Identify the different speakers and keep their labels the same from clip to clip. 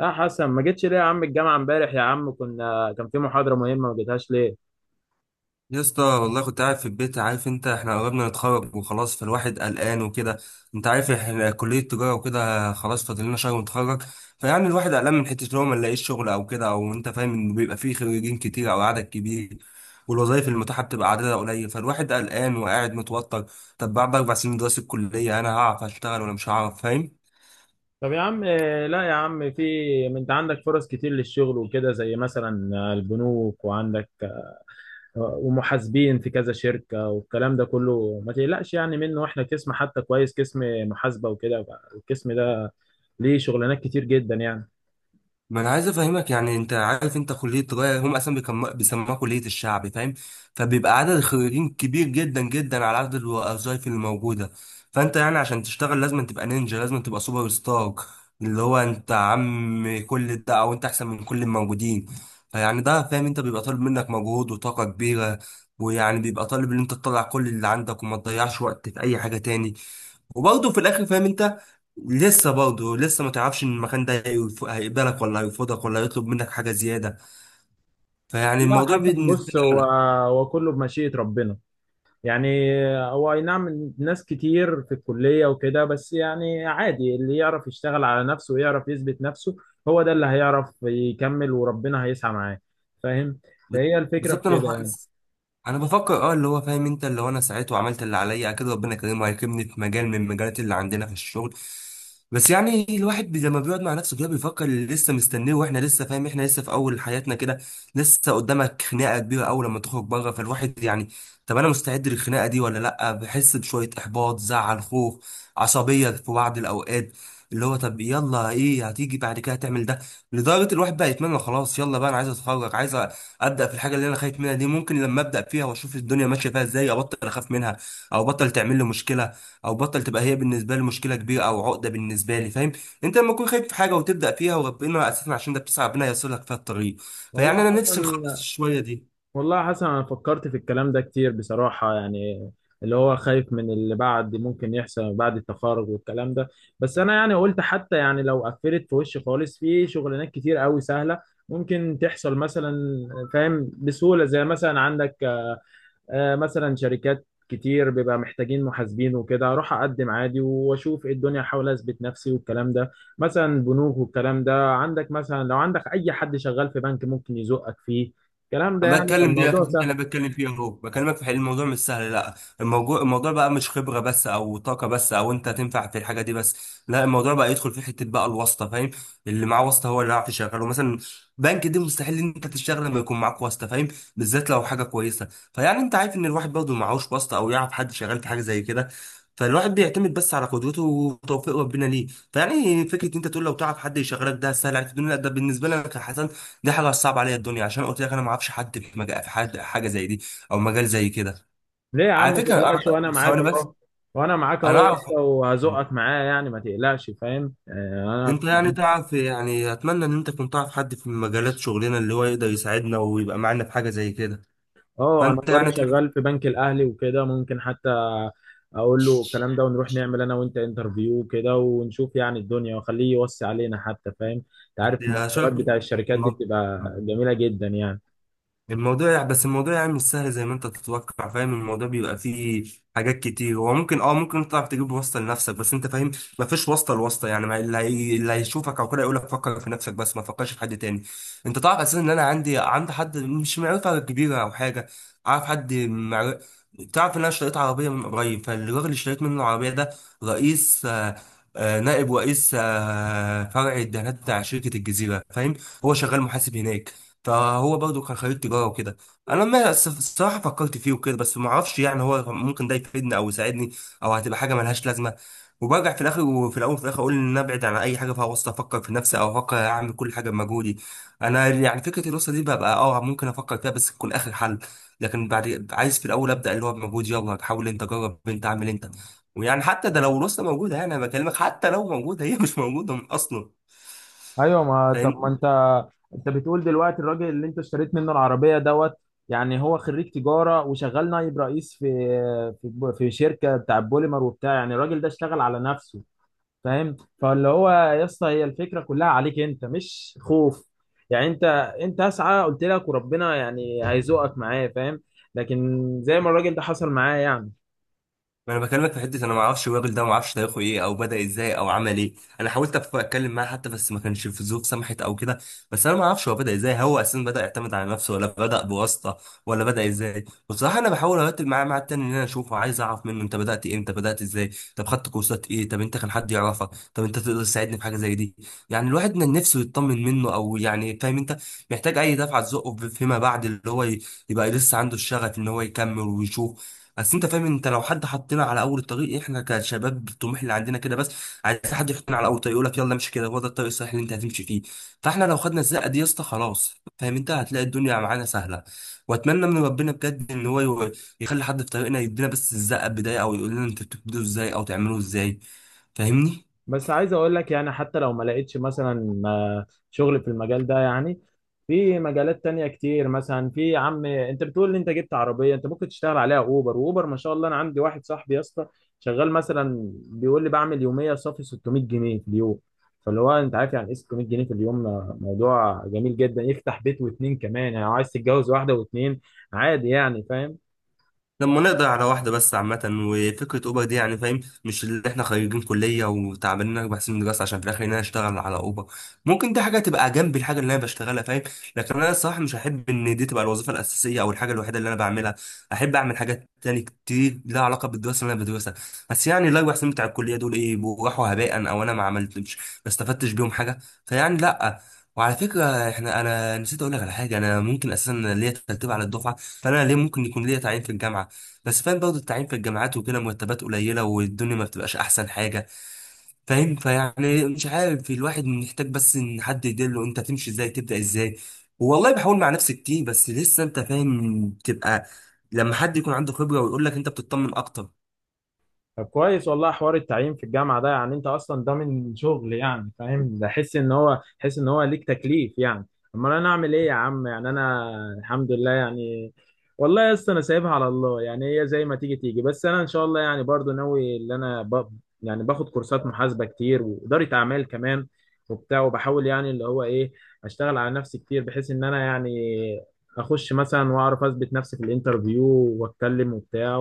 Speaker 1: يا حسن، ما جيتش ليه يا عم؟ الجامعة امبارح يا عم كان في محاضرة مهمة، ما جيتهاش ليه؟
Speaker 2: يا اسطى، والله كنت قاعد في البيت. عارف انت احنا قربنا نتخرج وخلاص، فالواحد قلقان وكده. انت عارف احنا كلية تجارة وكده، خلاص فاضل لنا شهر ونتخرج. فيعني الواحد قلقان من حتة لو ما نلاقيش شغل او كده، او انت فاهم انه بيبقى فيه خريجين كتير او عدد كبير والوظائف المتاحة بتبقى عددها قليل، فالواحد قلقان وقاعد متوتر. طب بعد اربع سنين دراسة الكلية انا هعرف اشتغل ولا مش هعرف؟ فاهم.
Speaker 1: طب يا عم، لا يا عم، في. ما انت عندك فرص كتير للشغل وكده، زي مثلا البنوك، وعندك ومحاسبين في كذا شركة والكلام ده كله. ما تقلقش يعني منه، واحنا قسم حتى كويس، قسم محاسبة وكده. القسم ده ليه شغلانات كتير جدا يعني.
Speaker 2: ما انا عايز افهمك، يعني انت عارف انت كليه تجاره هم اصلا بيسموها كليه الشعب، فاهم؟ فبيبقى عدد الخريجين كبير جدا جدا على عدد الوظائف اللي موجوده. فانت يعني عشان تشتغل لازم تبقى نينجا، لازم تبقى سوبر ستار، اللي هو انت عم كل ده او انت احسن من كل الموجودين. فيعني ده، فاهم انت، بيبقى طالب منك مجهود وطاقه كبيره. ويعني بيبقى طالب ان انت تطلع كل اللي عندك وما تضيعش وقت في اي حاجه تاني. وبرضه في الاخر، فاهم انت، لسه برضه لسه ما تعرفش ان المكان ده هيقبلك ولا هيرفضك ولا هيطلب منك حاجه زياده. فيعني
Speaker 1: لا
Speaker 2: الموضوع
Speaker 1: حسن،
Speaker 2: بالنسبه
Speaker 1: بص،
Speaker 2: لي
Speaker 1: هو
Speaker 2: قلق.
Speaker 1: هو كله بمشيئة ربنا يعني. هو اي نعم، ناس كتير في الكلية وكده، بس يعني عادي. اللي يعرف يشتغل على نفسه ويعرف يثبت نفسه، هو ده اللي هيعرف يكمل، وربنا هيسعى معاه. فاهم؟ فهي الفكرة في
Speaker 2: بالظبط، انا
Speaker 1: كده يعني.
Speaker 2: انا بفكر اللي هو فاهم انت، اللي هو انا ساعته وعملت اللي عليا اكيد ربنا كريم هيكرمني في مجال من المجالات اللي عندنا في الشغل. بس يعني الواحد لما بيقعد مع نفسه كده بيفكر اللي لسه مستنيه، واحنا لسه، فاهم، احنا لسه في اول حياتنا كده. لسه قدامك خناقه كبيره اول لما تخرج بره، فالواحد يعني طب انا مستعد للخناقه دي ولا لا؟ بحس بشويه احباط، زعل، خوف، عصبيه في بعض الاوقات. اللي هو طب يلا، ايه هتيجي بعد كده؟ هتعمل ده؟ لدرجه الواحد بقى يتمنى خلاص، يلا بقى انا عايز اتخرج، عايز ابدا في الحاجه اللي انا خايف منها دي. ممكن لما ابدا فيها واشوف الدنيا ماشيه فيها ازاي ابطل اخاف منها، او بطل تعمل لي مشكله، او بطل تبقى هي بالنسبه لي مشكله كبيره او عقده بالنسبه لي، فاهم؟ انت لما تكون خايف في حاجه وتبدا فيها، وربنا اساسا عشان ده بتسعى ربنا ييسر لك فيها الطريق. فيعني
Speaker 1: والله
Speaker 2: انا نفسي
Speaker 1: حسن.
Speaker 2: نخلص الشويه دي.
Speaker 1: والله يا حسن، انا فكرت في الكلام ده كتير بصراحة يعني، اللي هو خايف من اللي بعد، ممكن يحصل بعد التخرج والكلام ده. بس انا يعني قلت، حتى يعني لو قفلت في وشي خالص، في شغلانات كتير قوي سهلة ممكن تحصل مثلا، فاهم؟ بسهولة، زي مثلا عندك مثلا شركات كتير بيبقى محتاجين محاسبين وكده، اروح اقدم عادي واشوف ايه الدنيا، احاول اثبت نفسي والكلام ده. مثلا بنوك والكلام ده، عندك مثلا لو عندك اي حد شغال في بنك ممكن يزقك فيه، الكلام ده
Speaker 2: انا
Speaker 1: يعني.
Speaker 2: بتكلم دي اكتر
Speaker 1: فالموضوع
Speaker 2: حاجة
Speaker 1: سهل.
Speaker 2: انا بتكلم فيها اهو، بكلمك في الموضوع مش سهل، لا. الموضوع بقى مش خبره بس او طاقه بس او انت تنفع في الحاجه دي بس، لا. الموضوع بقى يدخل في حته بقى الواسطه، فاهم؟ اللي معاه واسطه هو اللي هيعرف يشغله. مثلا بنك دي مستحيل ان انت تشتغل لما يكون معاك واسطه، فاهم، بالذات لو حاجه كويسه. فيعني انت عارف ان الواحد برضه معهوش واسطه او يعرف حد شغال في حاجه زي كده، فالواحد بيعتمد بس على قدرته وتوفيق ربنا ليه. فيعني فكره انت تقول لو تعرف حد يشغلك ده سهل عليك في الدنيا، لا، ده بالنسبه لك يا حسن. دي حاجه صعبه عليا الدنيا، عشان قلت لك انا ما اعرفش حد في مجال، في حد حاجه زي دي او مجال زي كده.
Speaker 1: ليه يا عم؟
Speaker 2: على
Speaker 1: ما
Speaker 2: فكره
Speaker 1: تقلقش، وانا
Speaker 2: انا
Speaker 1: معاك
Speaker 2: ثواني بس.
Speaker 1: اهو وانا معاك اهو
Speaker 2: انا
Speaker 1: يا
Speaker 2: اعرف.
Speaker 1: اسطى، وهزقك معايا يعني، ما تقلقش، فاهم؟
Speaker 2: انت
Speaker 1: انا
Speaker 2: يعني تعرف، يعني اتمنى ان انت كنت تعرف حد في مجالات شغلنا اللي هو يقدر يساعدنا ويبقى معانا في حاجه زي كده.
Speaker 1: اه انا
Speaker 2: فانت
Speaker 1: جاري
Speaker 2: يعني تعرف.
Speaker 1: شغال في بنك الاهلي وكده، ممكن حتى اقول له الكلام ده، ونروح نعمل انا وانت انترفيو كده، ونشوف يعني الدنيا، واخليه يوصي علينا حتى، فاهم؟ انت عارف المرتبات
Speaker 2: شايف
Speaker 1: بتاع الشركات دي بتبقى جميلة جدا يعني.
Speaker 2: الموضوع يعني، بس الموضوع يعني مش سهل زي ما انت تتوقع، فاهم. الموضوع بيبقى فيه حاجات كتير. هو ممكن، ممكن انت تعرف تجيب واسطه لنفسك، بس انت فاهم مفيش واسطه لواسطه. يعني ما اللي اللي هيشوفك او كده يقول لك فكر في نفسك بس ما تفكرش في حد تاني. انت تعرف اساسا ان انا عندي حد مش معرفه كبيره او حاجه. اعرف حد تعرف ان انا اشتريت عربيه من قريب، فالراجل اللي اشتريت منه العربيه ده رئيس نائب رئيس فرع الدهانات بتاع شركه الجزيره، فاهم. هو شغال محاسب هناك. فهو برضه كان خريج تجاره وكده. انا لما الصراحه فكرت فيه وكده، بس ما اعرفش يعني هو ممكن ده يفيدني او يساعدني او هتبقى حاجه ملهاش لازمه. وبرجع في الاخر وفي الاول وفي الاخر اقول ان انا ابعد عن اي حاجه فيها وسط، افكر في نفسي او افكر اعمل كل حاجه بمجهودي. انا يعني فكره الوسط دي ببقى ممكن افكر فيها بس تكون اخر حل. لكن بعد عايز في الاول ابدا اللي هو بمجهودي، يلا حاول انت، جرب انت، اعمل انت. ويعني حتى ده لو الوسط موجوده، يعني انا بكلمك حتى لو موجوده، هي مش موجوده اصلا.
Speaker 1: ايوه، ما طب ما انت، انت بتقول دلوقتي الراجل اللي انت اشتريت منه العربية دوت، يعني هو خريج تجارة وشغال نائب رئيس في شركة بتاع بوليمر وبتاع، يعني الراجل ده اشتغل على نفسه، فاهم؟ فاللي هو يا اسطى، هي الفكره كلها عليك انت، مش خوف يعني. انت اسعى، قلت لك، وربنا يعني هيزوقك معايا، فاهم؟ لكن زي ما الراجل ده حصل معايا يعني.
Speaker 2: ما انا بكلمك في حته انا ما اعرفش الراجل ده، ما اعرفش تاريخه ايه او بدا ازاي او عمل ايه. انا حاولت اتكلم معاه حتى، بس ما كانش في ظروف سمحت او كده. بس انا ما اعرفش هو بدا ازاي، هو اساسا بدا يعتمد على نفسه ولا بدا بواسطه ولا بدا ازاي. بصراحه انا بحاول ارتب معاه مع التاني ان انا اشوفه، عايز اعرف منه انت بدات ايه، انت بدات ازاي، طب خدت كورسات ايه، طب انت كان حد يعرفك، طب انت تقدر تساعدني في حاجه زي دي. يعني الواحد من نفسه يطمن منه او يعني، فاهم انت، محتاج اي دفعه تزقه فيما بعد اللي هو يبقى لسه عنده الشغف ان هو يكمل ويشوف. بس انت فاهم، انت لو حد حطينا على اول الطريق، احنا كشباب الطموح اللي عندنا كده بس عايز حد يحطنا على اول الطريق، يقول لك يلا امشي كده، هو ده الطريق الصحيح اللي انت هتمشي فيه. فاحنا لو خدنا الزقه دي يا اسطى خلاص، فاهم انت، هتلاقي الدنيا معانا سهله. واتمنى من ربنا بجد ان هو يخلي حد في طريقنا يدينا بس الزقه بدايه، او يقول لنا انتوا بتبدوا ازاي او تعملوا ازاي. فاهمني.
Speaker 1: بس عايز اقول لك يعني، حتى لو ما لقيتش مثلا شغل في المجال ده يعني، في مجالات تانية كتير. مثلا في يا عم، انت بتقول ان انت جبت عربية، انت ممكن تشتغل عليها اوبر. واوبر ما شاء الله، انا عندي واحد صاحبي يا اسطى شغال، مثلا بيقول لي بعمل يومية صافي 600 جنيه في اليوم. فاللي هو انت عارف يعني ايه 600 جنيه في اليوم؟ موضوع جميل جدا، يفتح بيت واتنين كمان، يعني لو عايز تتجوز واحدة واتنين عادي يعني، فاهم؟
Speaker 2: لما نقدر على واحدة بس، عامة. وفكرة أوبر دي يعني، فاهم، مش اللي احنا خريجين كلية وتعبانين أربع سنين دراسة عشان في الآخر إن أنا أشتغل على أوبر. ممكن دي حاجة تبقى جنب الحاجة اللي أنا بشتغلها، فاهم، لكن أنا الصراحة مش هحب إن دي تبقى الوظيفة الأساسية أو الحاجة الوحيدة اللي أنا بعملها. أحب أعمل حاجات تاني كتير لها علاقة بالدراسة اللي أنا بدرسها. بس يعني الأربع سنين بتاع الكلية دول إيه، بيبقوا راحوا هباء أو أنا ما عملتش ما استفدتش بيهم حاجة؟ فيعني لأ. وعلى فكرة احنا انا نسيت اقول لك على حاجة، انا ممكن اساسا ليا ترتيب على الدفعة، فانا ليه ممكن يكون ليا تعيين في الجامعة. بس فاهم برضه التعيين في الجامعات وكده مرتبات قليلة، والدنيا ما بتبقاش أحسن حاجة، فاهم. فيعني مش عارف، الواحد محتاج بس إن حد يدله أنت تمشي إزاي، تبدأ إزاي. والله بحاول مع نفسي كتير، بس لسه أنت فاهم بتبقى لما حد يكون عنده خبرة ويقول لك أنت بتطمن أكتر.
Speaker 1: طب كويس، والله حوار التعيين في الجامعة ده يعني انت اصلا ضامن شغل يعني، فاهم؟ ده حس ان هو ليك تكليف يعني. امال انا اعمل ايه يا عم يعني؟ انا الحمد لله يعني. والله يا اسطى، انا سايبها على الله يعني، هي زي ما تيجي تيجي، بس انا ان شاء الله يعني برضو ناوي ان انا يعني باخد كورسات محاسبة كتير، وإدارة اعمال كمان، وبتاع، وبحاول يعني اللي هو ايه، اشتغل على نفسي كتير بحيث ان انا يعني اخش مثلا واعرف اثبت نفسي في الانترفيو، واتكلم وبتاع،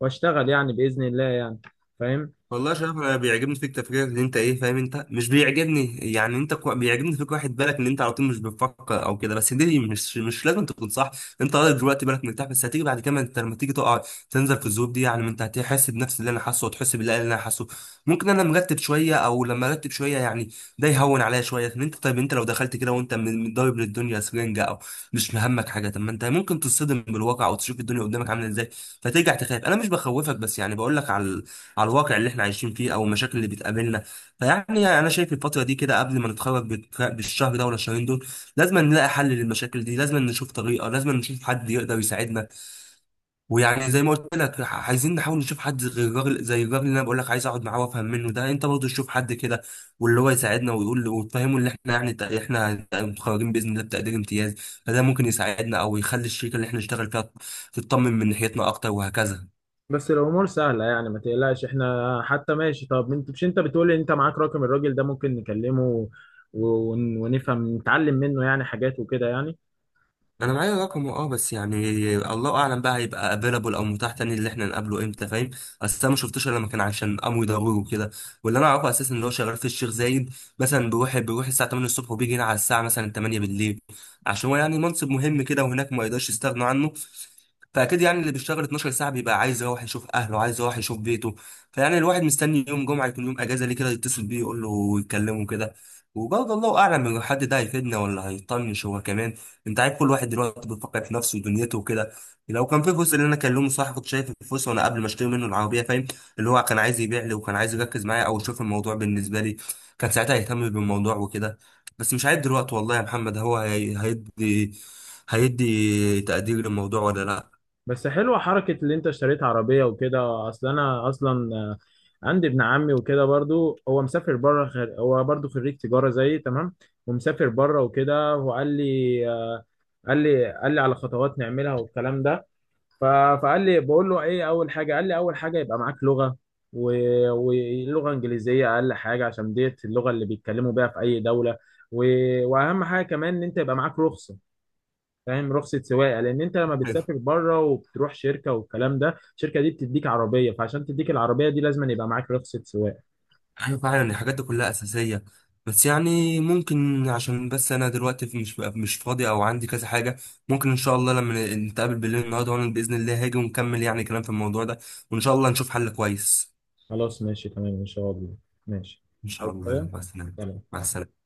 Speaker 1: واشتغل يعني باذن الله يعني، فاهم؟
Speaker 2: والله يا شرف انا بيعجبني فيك تفكيرك ان انت ايه، فاهم انت، مش بيعجبني يعني انت بيعجبني فيك واحد بالك ان انت على طول مش بتفكر او كده، بس دي مش لازم تكون صح. انت راجل دلوقتي بالك مرتاح، بس هتيجي بعد كده انت لما تيجي تقع تنزل في الذنوب دي، يعني ما انت هتحس بنفس اللي انا حاسه وتحس بالله اللي انا حاسه. ممكن انا مرتب شويه او لما ارتب شويه يعني ده يهون عليا شويه. ان انت طيب، انت لو دخلت كده وانت متضارب للدنيا سرنجه او مش مهمك حاجه، طب ما انت ممكن تصطدم بالواقع او تشوف الدنيا قدامك عامله ازاي فترجع تخاف. انا مش بخوفك، بس يعني بقول لك على الواقع اللي احنا عايشين فيه او المشاكل اللي بتقابلنا. فيعني انا شايف الفتره دي كده قبل ما نتخرج بالشهر ده ولا الشهرين دول لازم نلاقي حل للمشاكل دي، لازم نشوف طريقه، لازم نشوف حد يقدر يساعدنا. ويعني زي ما قلت لك، عايزين نحاول نشوف حد غير الراجل، زي الراجل اللي انا بقول لك عايز اقعد معاه وافهم منه ده، انت برضه تشوف حد كده واللي هو يساعدنا ويقول، وتفهمه اللي احنا يعني احنا متخرجين باذن الله بتقدير امتياز، فده ممكن يساعدنا او يخلي الشركه اللي احنا نشتغل فيها تطمن من ناحيتنا اكتر، وهكذا.
Speaker 1: بس الامور سهله يعني، ما تقلقش، احنا حتى ماشي. طب انت، مش انت بتقول ان انت معاك رقم الراجل ده؟ ممكن نكلمه ونفهم نتعلم منه يعني حاجات وكده يعني.
Speaker 2: انا معايا رقمه، بس يعني الله اعلم بقى هيبقى افيلابل او متاح تاني اللي احنا نقابله امتى، فاهم. اصل انا ما شفتوش الا لما كان عشان امر ضروري وكده. واللي انا اعرفه اساسا اللي هو شغال في الشيخ زايد، مثلا بيروح الساعه 8 الصبح وبيجي هنا على الساعه مثلا 8 بالليل، عشان هو يعني منصب مهم كده وهناك ما يقدرش يستغنوا عنه. فاكيد يعني اللي بيشتغل 12 ساعه بيبقى عايز يروح يشوف اهله، عايز يروح يشوف بيته. فيعني الواحد مستني يوم جمعه يكون يوم اجازه ليه كده يتصل بيه يقول له ويكلمه كده. وبرضه الله اعلم الحد ده هيفيدنا ولا هيطنش هو كمان. انت عارف كل واحد دلوقتي بيفكر في نفسه ودنيته وكده. لو كان في جزء اللي انا كلمه صح كنت شايف الفلوس، وانا قبل ما اشتري منه العربيه، فاهم، اللي هو كان عايز يبيع لي وكان عايز يركز معايا او يشوف الموضوع بالنسبه لي، كان ساعتها يهتم بالموضوع وكده. بس مش عارف دلوقتي والله يا محمد هو هيدي تقدير للموضوع ولا
Speaker 1: بس حلوه حركه اللي انت اشتريت عربيه وكده. اصل انا اصلا عندي ابن عمي وكده برضو، هو مسافر بره، هو برضو خريج تجاره زيي تمام، ومسافر بره وكده. وقال لي قال لي على خطوات نعملها والكلام ده. ف- فقال لي، بقول له ايه اول حاجه؟ قال لي اول حاجه يبقى معاك لغه، ولغه انجليزيه اقل حاجه، عشان ديت اللغه اللي بيتكلموا بيها في اي دوله. واهم حاجه كمان ان انت يبقى معاك رخصه، فاهم؟ رخصه سواقه، لان انت لما
Speaker 2: لا.
Speaker 1: بتسافر بره وبتروح شركه والكلام ده، الشركه دي بتديك عربيه، فعشان تديك العربيه دي لازم يبقى معاك رخصه سواقه.
Speaker 2: ايوه فعلا الحاجات دي كلها اساسيه، بس يعني ممكن عشان بس انا دلوقتي مش فاضي او عندي كذا حاجه، ممكن ان شاء الله لما نتقابل بالليل النهارده وانا باذن الله هاجي ونكمل يعني كلام في الموضوع ده، وان شاء الله نشوف حل كويس.
Speaker 1: خلاص، ماشي، تمام ان شاء الله. ماشي.
Speaker 2: ان شاء
Speaker 1: عايز
Speaker 2: الله.
Speaker 1: حاجه؟
Speaker 2: يلا، مع السلامه.
Speaker 1: سلام.
Speaker 2: مع السلامه.